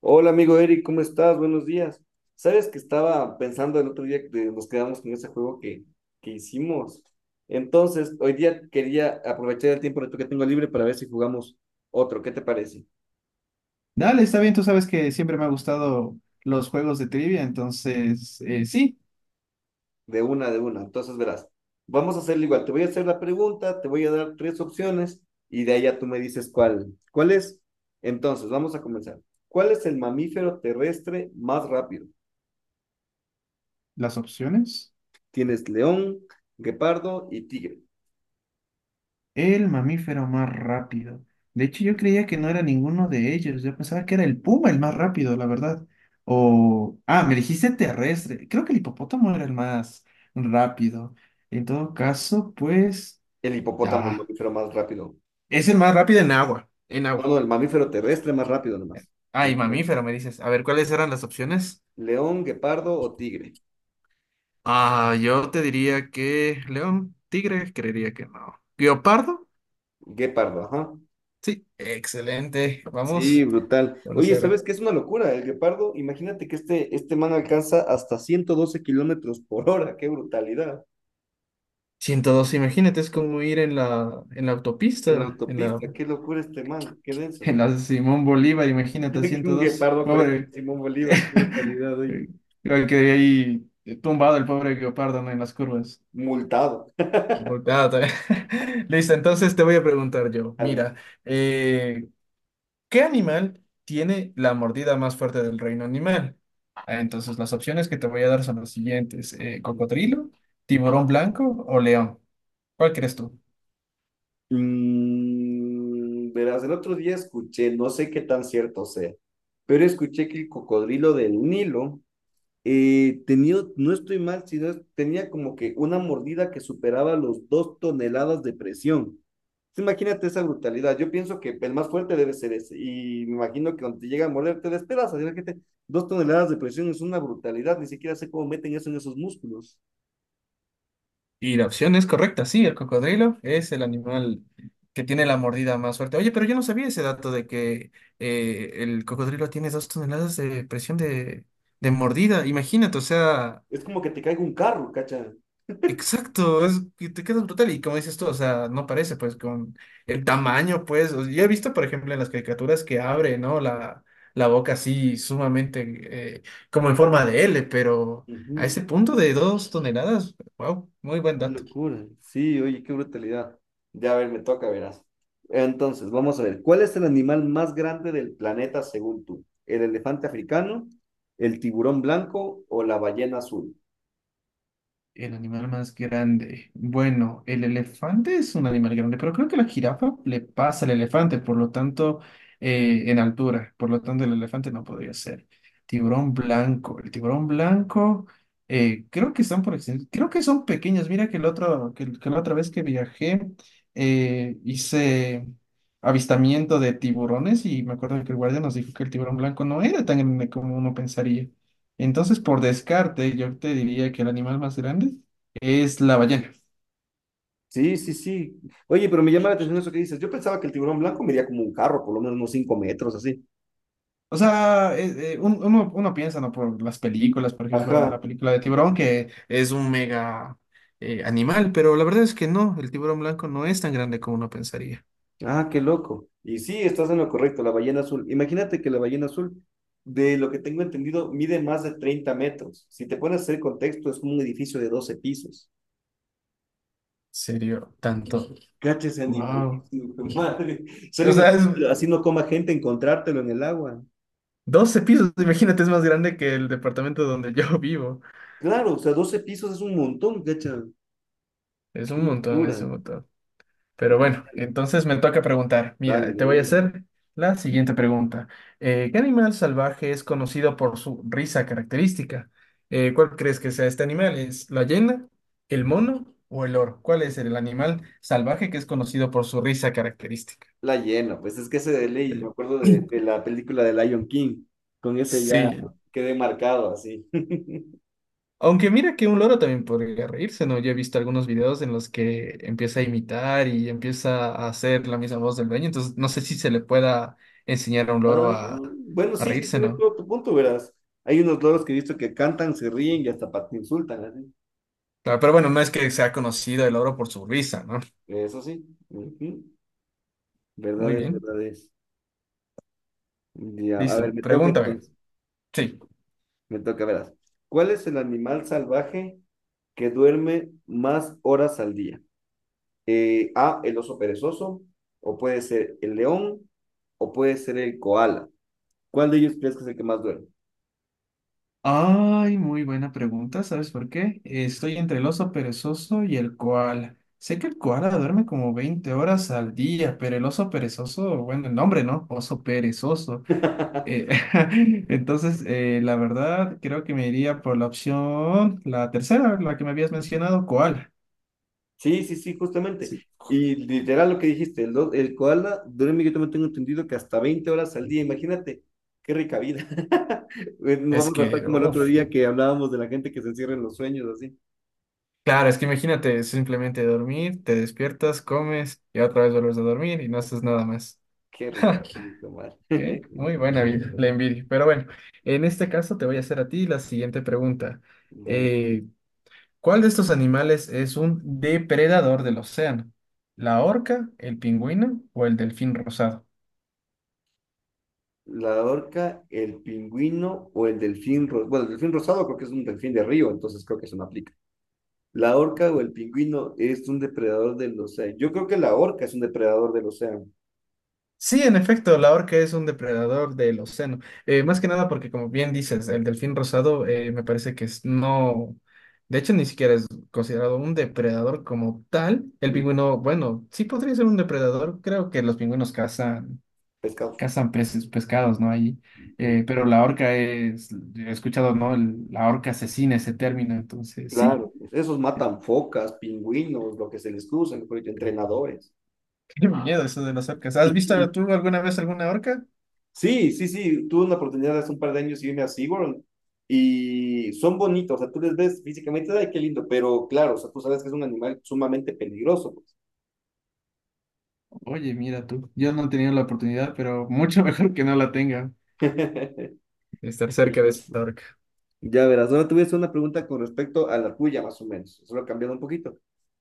Hola amigo Eric, ¿cómo estás? Buenos días. Sabes que estaba pensando el otro día que nos quedamos con ese juego que hicimos. Entonces, hoy día quería aprovechar el tiempo de que tengo libre para ver si jugamos otro. ¿Qué te parece? Dale, está bien, tú sabes que siempre me ha gustado los juegos de trivia, entonces sí, De una, de una. Entonces, verás, vamos a hacerlo igual. Te voy a hacer la pregunta, te voy a dar tres opciones y de ahí ya tú me dices cuál es. Entonces, vamos a comenzar. ¿Cuál es el mamífero terrestre más rápido? las opciones. Tienes león, guepardo y tigre. El mamífero más rápido. De hecho, yo creía que no era ninguno de ellos, yo pensaba que era el puma el más rápido, la verdad. O, ah, me dijiste terrestre, creo que el hipopótamo era el más rápido. En todo caso, pues, El hipopótamo es el ah, mamífero más rápido. es el más rápido en agua, en No, agua. no, el mamífero terrestre más rápido nomás. Ah, y Incorrecto. mamífero, me dices. A ver, ¿cuáles eran las opciones? León, guepardo o tigre. Ah, yo te diría que león, tigre, creería que no. ¿Guiopardo? Guepardo, ajá. Sí, excelente. Sí, Vamos, brutal. Oye, ¿sabes 1-0. qué es una locura? El guepardo, imagínate que este man alcanza hasta 112 kilómetros por hora. ¡Qué brutalidad! 102, imagínate, es como ir en la En la autopista, autopista, qué locura este man, qué denso. en la Simón Bolívar, imagínate, Un 102. guepardo corriendo el Pobre. Simón Bolívar, qué brutalidad hoy. Creo que ahí tumbado el pobre guiopardo, ¿no? En las curvas. Multado. Multado también. Listo, entonces te voy a preguntar yo. Mira, ¿qué animal tiene la mordida más fuerte del reino animal? Ah, entonces, las opciones que te voy a dar son las siguientes: cocodrilo, tiburón blanco o león. ¿Cuál crees tú? Mm, verás, el otro día escuché, no sé qué tan cierto sea, pero escuché que el cocodrilo del Nilo tenía, no estoy mal, tenía como que una mordida que superaba los 2 toneladas de presión. Entonces, imagínate esa brutalidad. Yo pienso que el más fuerte debe ser ese. Y me imagino que cuando te llega a morder te despedazas. Imagínate, 2 toneladas de presión es una brutalidad. Ni siquiera sé cómo meten eso en esos músculos. Y la opción es correcta, sí, el cocodrilo es el animal que tiene la mordida más fuerte. Oye, pero yo no sabía ese dato de que el cocodrilo tiene 2 toneladas de presión de mordida. Imagínate, o sea, Es como que te caiga un carro, cacha. exacto, es que te quedas brutal y como dices tú, o sea, no parece pues con el tamaño, pues, o- yo he visto, por ejemplo, en las caricaturas que abre, ¿no? La boca así sumamente eh, como en forma de L, pero a Ujú. ese punto de 2 toneladas, wow, muy buen Qué dato. locura. Sí, oye, qué brutalidad. Ya, a ver, me toca, verás. Entonces, vamos a ver. ¿Cuál es el animal más grande del planeta según tú? ¿El elefante africano, el tiburón blanco o la ballena azul? El animal más grande. Bueno, el elefante es un animal grande, pero creo que la jirafa le pasa al elefante, por lo tanto, en altura. Por lo tanto, el elefante no podría ser. Tiburón blanco. El tiburón blanco, creo que están por extin- creo que son pequeños. Mira que, que la otra vez que viajé, hice avistamiento de tiburones y me acuerdo que el guardia nos dijo que el tiburón blanco no era tan grande como uno pensaría. Entonces, por descarte, yo te diría que el animal más grande es la ballena. Sí, sí, sí. Oye, pero me llama la atención eso que dices. Yo pensaba que el tiburón blanco medía como un carro, por lo menos unos 5 metros, así. O sea, uno piensa, ¿no? Por las películas, por ejemplo, Ajá. la película de tiburón, que es un mega animal, pero la verdad es que no, el tiburón blanco no es tan grande como uno pensaría. Ah, qué loco. Y sí, estás en lo correcto, la ballena azul. Imagínate que la ballena azul, de lo que tengo entendido, mide más de 30 metros. Si te pones a hacer contexto, es como un edificio de 12 pisos. ¿Serio? Tanto. Cacha ese Wow. animalísimo, madre. Solo O sea, es imagínate, así no coma gente encontrártelo en el agua. 12 pisos, imagínate, es más grande que el departamento donde yo vivo. Claro, o sea, 12 pisos es un montón, cacha. Es Qué un montón, es locura. un montón. Pero bueno, entonces me toca preguntar. Dale, Mira, te de voy a una. hacer la siguiente pregunta. ¿Qué animal salvaje es conocido por su risa característica? ¿Cuál crees que sea este animal? ¿Es la hiena, el mono o el oro? ¿Cuál es el animal salvaje que es conocido por su risa característica? La llena, pues es que ese de ley, me Dale. acuerdo de, de la película de Lion King, con ese ya Sí, quedé marcado así. aunque mira que un loro también podría reírse, ¿no? Yo he visto algunos videos en los que empieza a imitar y empieza a hacer la misma voz del dueño, entonces no sé si se le pueda enseñar a un loro Ah, bueno, a sí, sí, reírse, tienes ¿no? todo tu punto, verás. Hay unos loros que he visto que cantan, se ríen y hasta te insultan, así. Claro, pero bueno, no es que sea conocido el loro por su risa, ¿no? Eso sí. Ujú. Verdad Muy es, bien, verdad es. Ya, a ver, listo, me toca pregúntame. entonces. Sí. Me toca, verás. ¿Cuál es el animal salvaje que duerme más horas al día? A, el oso perezoso, o puede ser el león, o puede ser el koala. ¿Cuál de ellos crees que es el que más duerme? Ay, muy buena pregunta, ¿sabes por qué? Estoy entre el oso perezoso y el koala. Sé que el koala duerme como 20 horas al día, pero el oso perezoso, bueno, el nombre, ¿no? Oso perezoso. Eh, entonces, la verdad, creo que me iría por la opción, la tercera, la que me habías mencionado, ¿cuál? Sí, sí, sí, justamente. Sí. Y literal lo que dijiste, el koala duerme, yo también tengo entendido que hasta 20 horas al día, imagínate, qué rica vida. Nos Es vamos a estar que, como el otro uf, día que hablábamos de la gente que se encierra en los sueños, así. claro, es que imagínate simplemente dormir, te despiertas, comes y otra vez vuelves a dormir y no haces nada más. Qué rica vida, Omar. ¿Qué? Muy buena vida, la envidia. Pero bueno, en este caso te voy a hacer a ti la siguiente pregunta. Dale. Eh, ¿Cuál de estos animales es un depredador del océano? ¿La orca, el pingüino o el delfín rosado? La orca, el pingüino o bueno, el delfín rosado creo que es un delfín de río, entonces creo que eso no aplica. La orca o el pingüino es un depredador del océano. Yo creo que la orca es un depredador del océano, Sí, en efecto, la orca es un depredador del océano. Más que nada porque, como bien dices, el delfín rosado me parece que es no, de hecho ni siquiera es considerado un depredador como tal. El un pingüino, bueno, sí podría ser un depredador. Creo que los pingüinos pescado. cazan peces, pescados, ¿no? Ahí. Mm. Pero la orca es, he escuchado, ¿no? El- la orca asesina ese término, entonces sí. Claro, esos matan focas, pingüinos, lo que se les cruza, mejor dicho, entrenadores. Qué miedo eso de las orcas. ¿Has visto tú alguna vez alguna orca? Sí, sí, sí, tuve una oportunidad hace un par de años y irme a SeaWorld y son bonitos, o sea, tú les ves físicamente, ay, qué lindo, pero claro, o sea, tú sabes que es un animal sumamente peligroso, pues. Oye, mira tú, yo no he tenido la oportunidad, pero mucho mejor que no la tenga. Estar cerca de esa orca. Ya verás, ahora te voy a hacer una pregunta con respecto a la tuya, más o menos, solo cambiando un poquito.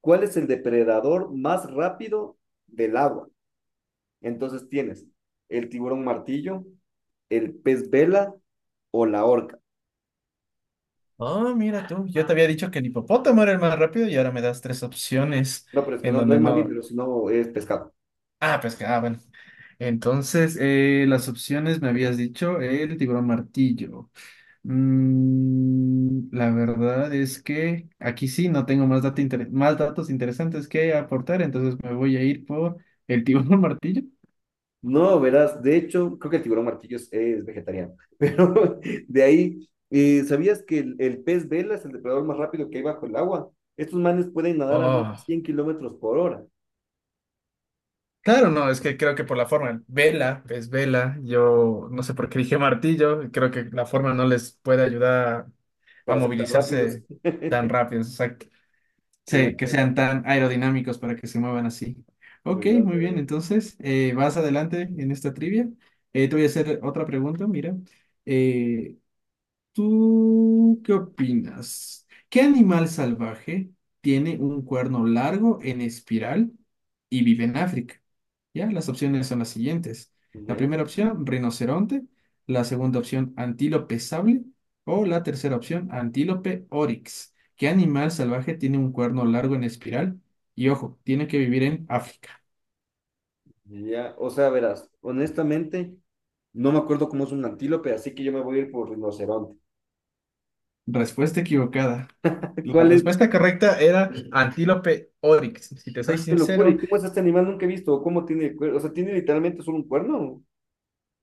¿Cuál es el depredador más rápido del agua? Entonces tienes el tiburón martillo, el pez vela o la orca. Oh, mira tú, yo te había dicho que el hipopótamo era el más rápido y ahora me das tres opciones No, pero es que en no, no donde es no. mamífero, sino es pescado. Ah, pues que, ah, bueno. Entonces, las opciones me habías dicho el tiburón martillo. Mm, la verdad es que aquí sí no tengo más, más datos interesantes que aportar, entonces me voy a ir por el tiburón martillo. No, verás, de hecho, creo que el tiburón martillo es vegetariano, pero de ahí, ¿sabías que el pez vela es el depredador más rápido que hay bajo el agua? Estos manes pueden nadar a más de Oh. 100 kilómetros por hora. Claro, no, es que creo que por la forma, vela, es vela, yo no sé por qué dije martillo, creo que la forma no les puede ayudar a Para ser tan rápidos. movilizarse tan rápido, o sea, que, Claro, se- que sean tan aerodinámicos para que se muevan así. Ok, ¿verdad? muy bien, Veré. entonces vas adelante en esta trivia. Te voy a hacer otra pregunta, mira. eh, ¿Tú qué opinas? ¿Qué animal salvaje tiene un cuerno largo en espiral y vive en África? Ya, las opciones son las siguientes. La Ya, primera opción, rinoceronte. La segunda opción, antílope sable. O la tercera opción, antílope oryx. ¿Qué animal salvaje tiene un cuerno largo en espiral? Y ojo, tiene que vivir en África. ya, o sea, verás, honestamente, no me acuerdo cómo es un antílope, así que yo me voy a ir por rinoceronte. Respuesta equivocada. La ¿Cuál es? respuesta correcta era antílope oryx. Si te soy Ah, qué locura, sincero, ¿y cómo es este animal? Nunca he visto. ¿O cómo tiene el cuerno? O sea, ¿tiene literalmente solo un cuerno?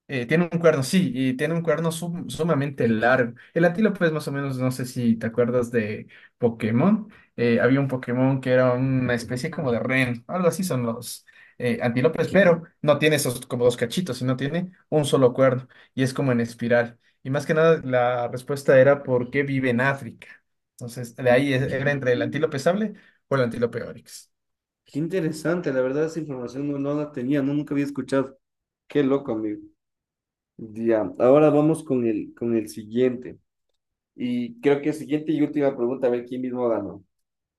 eh, tiene un cuerno, sí, y tiene un cuerno sumamente largo. El antílope es más o menos, no sé si te acuerdas de Pokémon. Había un Pokémon que era una especie como de ren, algo así son los antílopes, pero no tiene esos como dos cachitos, sino tiene un solo cuerno y es como en espiral. Y más que nada, la respuesta era por qué vive en África. Entonces, de ahí era entre Mm. el antílope sable o el antílope oryx. Qué interesante, la verdad, esa información no, no la tenía, no, nunca había escuchado. Qué loco, amigo. Ya, ahora vamos con el siguiente. Y creo que siguiente y última pregunta, a ver quién mismo ganó.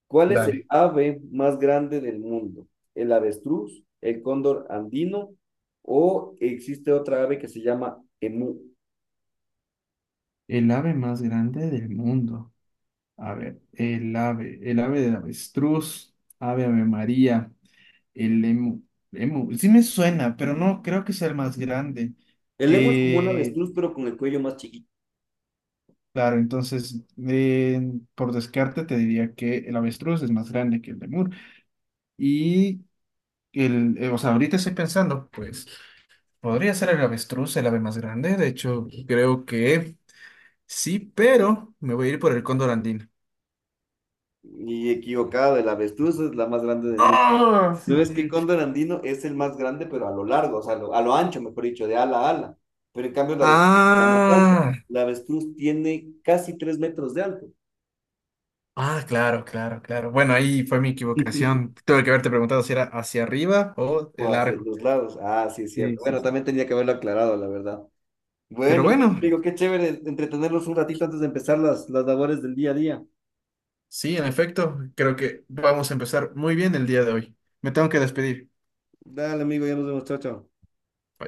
¿Cuál es el Dale. ave más grande del mundo? ¿El avestruz, el cóndor andino o existe otra ave que se llama emú? El ave más grande del mundo. A ver, el ave del avestruz, ave Ave María, el emu, emu, sí me suena, pero no creo que sea el más grande. El emu es como un Eh, avestruz, pero con el cuello más chiquito. claro, entonces, eh, por descarte te diría que el avestruz es más grande que el lemur. Y el, o sea, ahorita estoy pensando, pues, podría ser el avestruz el ave más grande, de hecho, creo que sí, pero me voy a ir por el cóndor andino. Y equivocado, el avestruz es la más grande del mundo. ¡Ah, ¿No ves que el sí! cóndor andino es el más grande, pero a lo largo, o sea, a lo ancho, mejor dicho, de ala a ala? Pero en cambio, la avestruz es la más alta. Ah, La avestruz tiene casi 3 metros de alto. ah, claro, claro, claro. Bueno, ahí fue mi equivocación. Tuve que haberte preguntado si era hacia arriba o O el hacia largo. los lados. Ah, sí, es Sí, cierto. sí, Bueno, sí. también tenía que haberlo aclarado, la verdad. Pero Bueno, bueno, bueno, amigo, qué chévere entretenernos un ratito antes de empezar las labores del día a día. sí, en efecto, creo que vamos a empezar muy bien el día de hoy. Me tengo que despedir. Dale, amigo, ya nos vemos, chao, chao.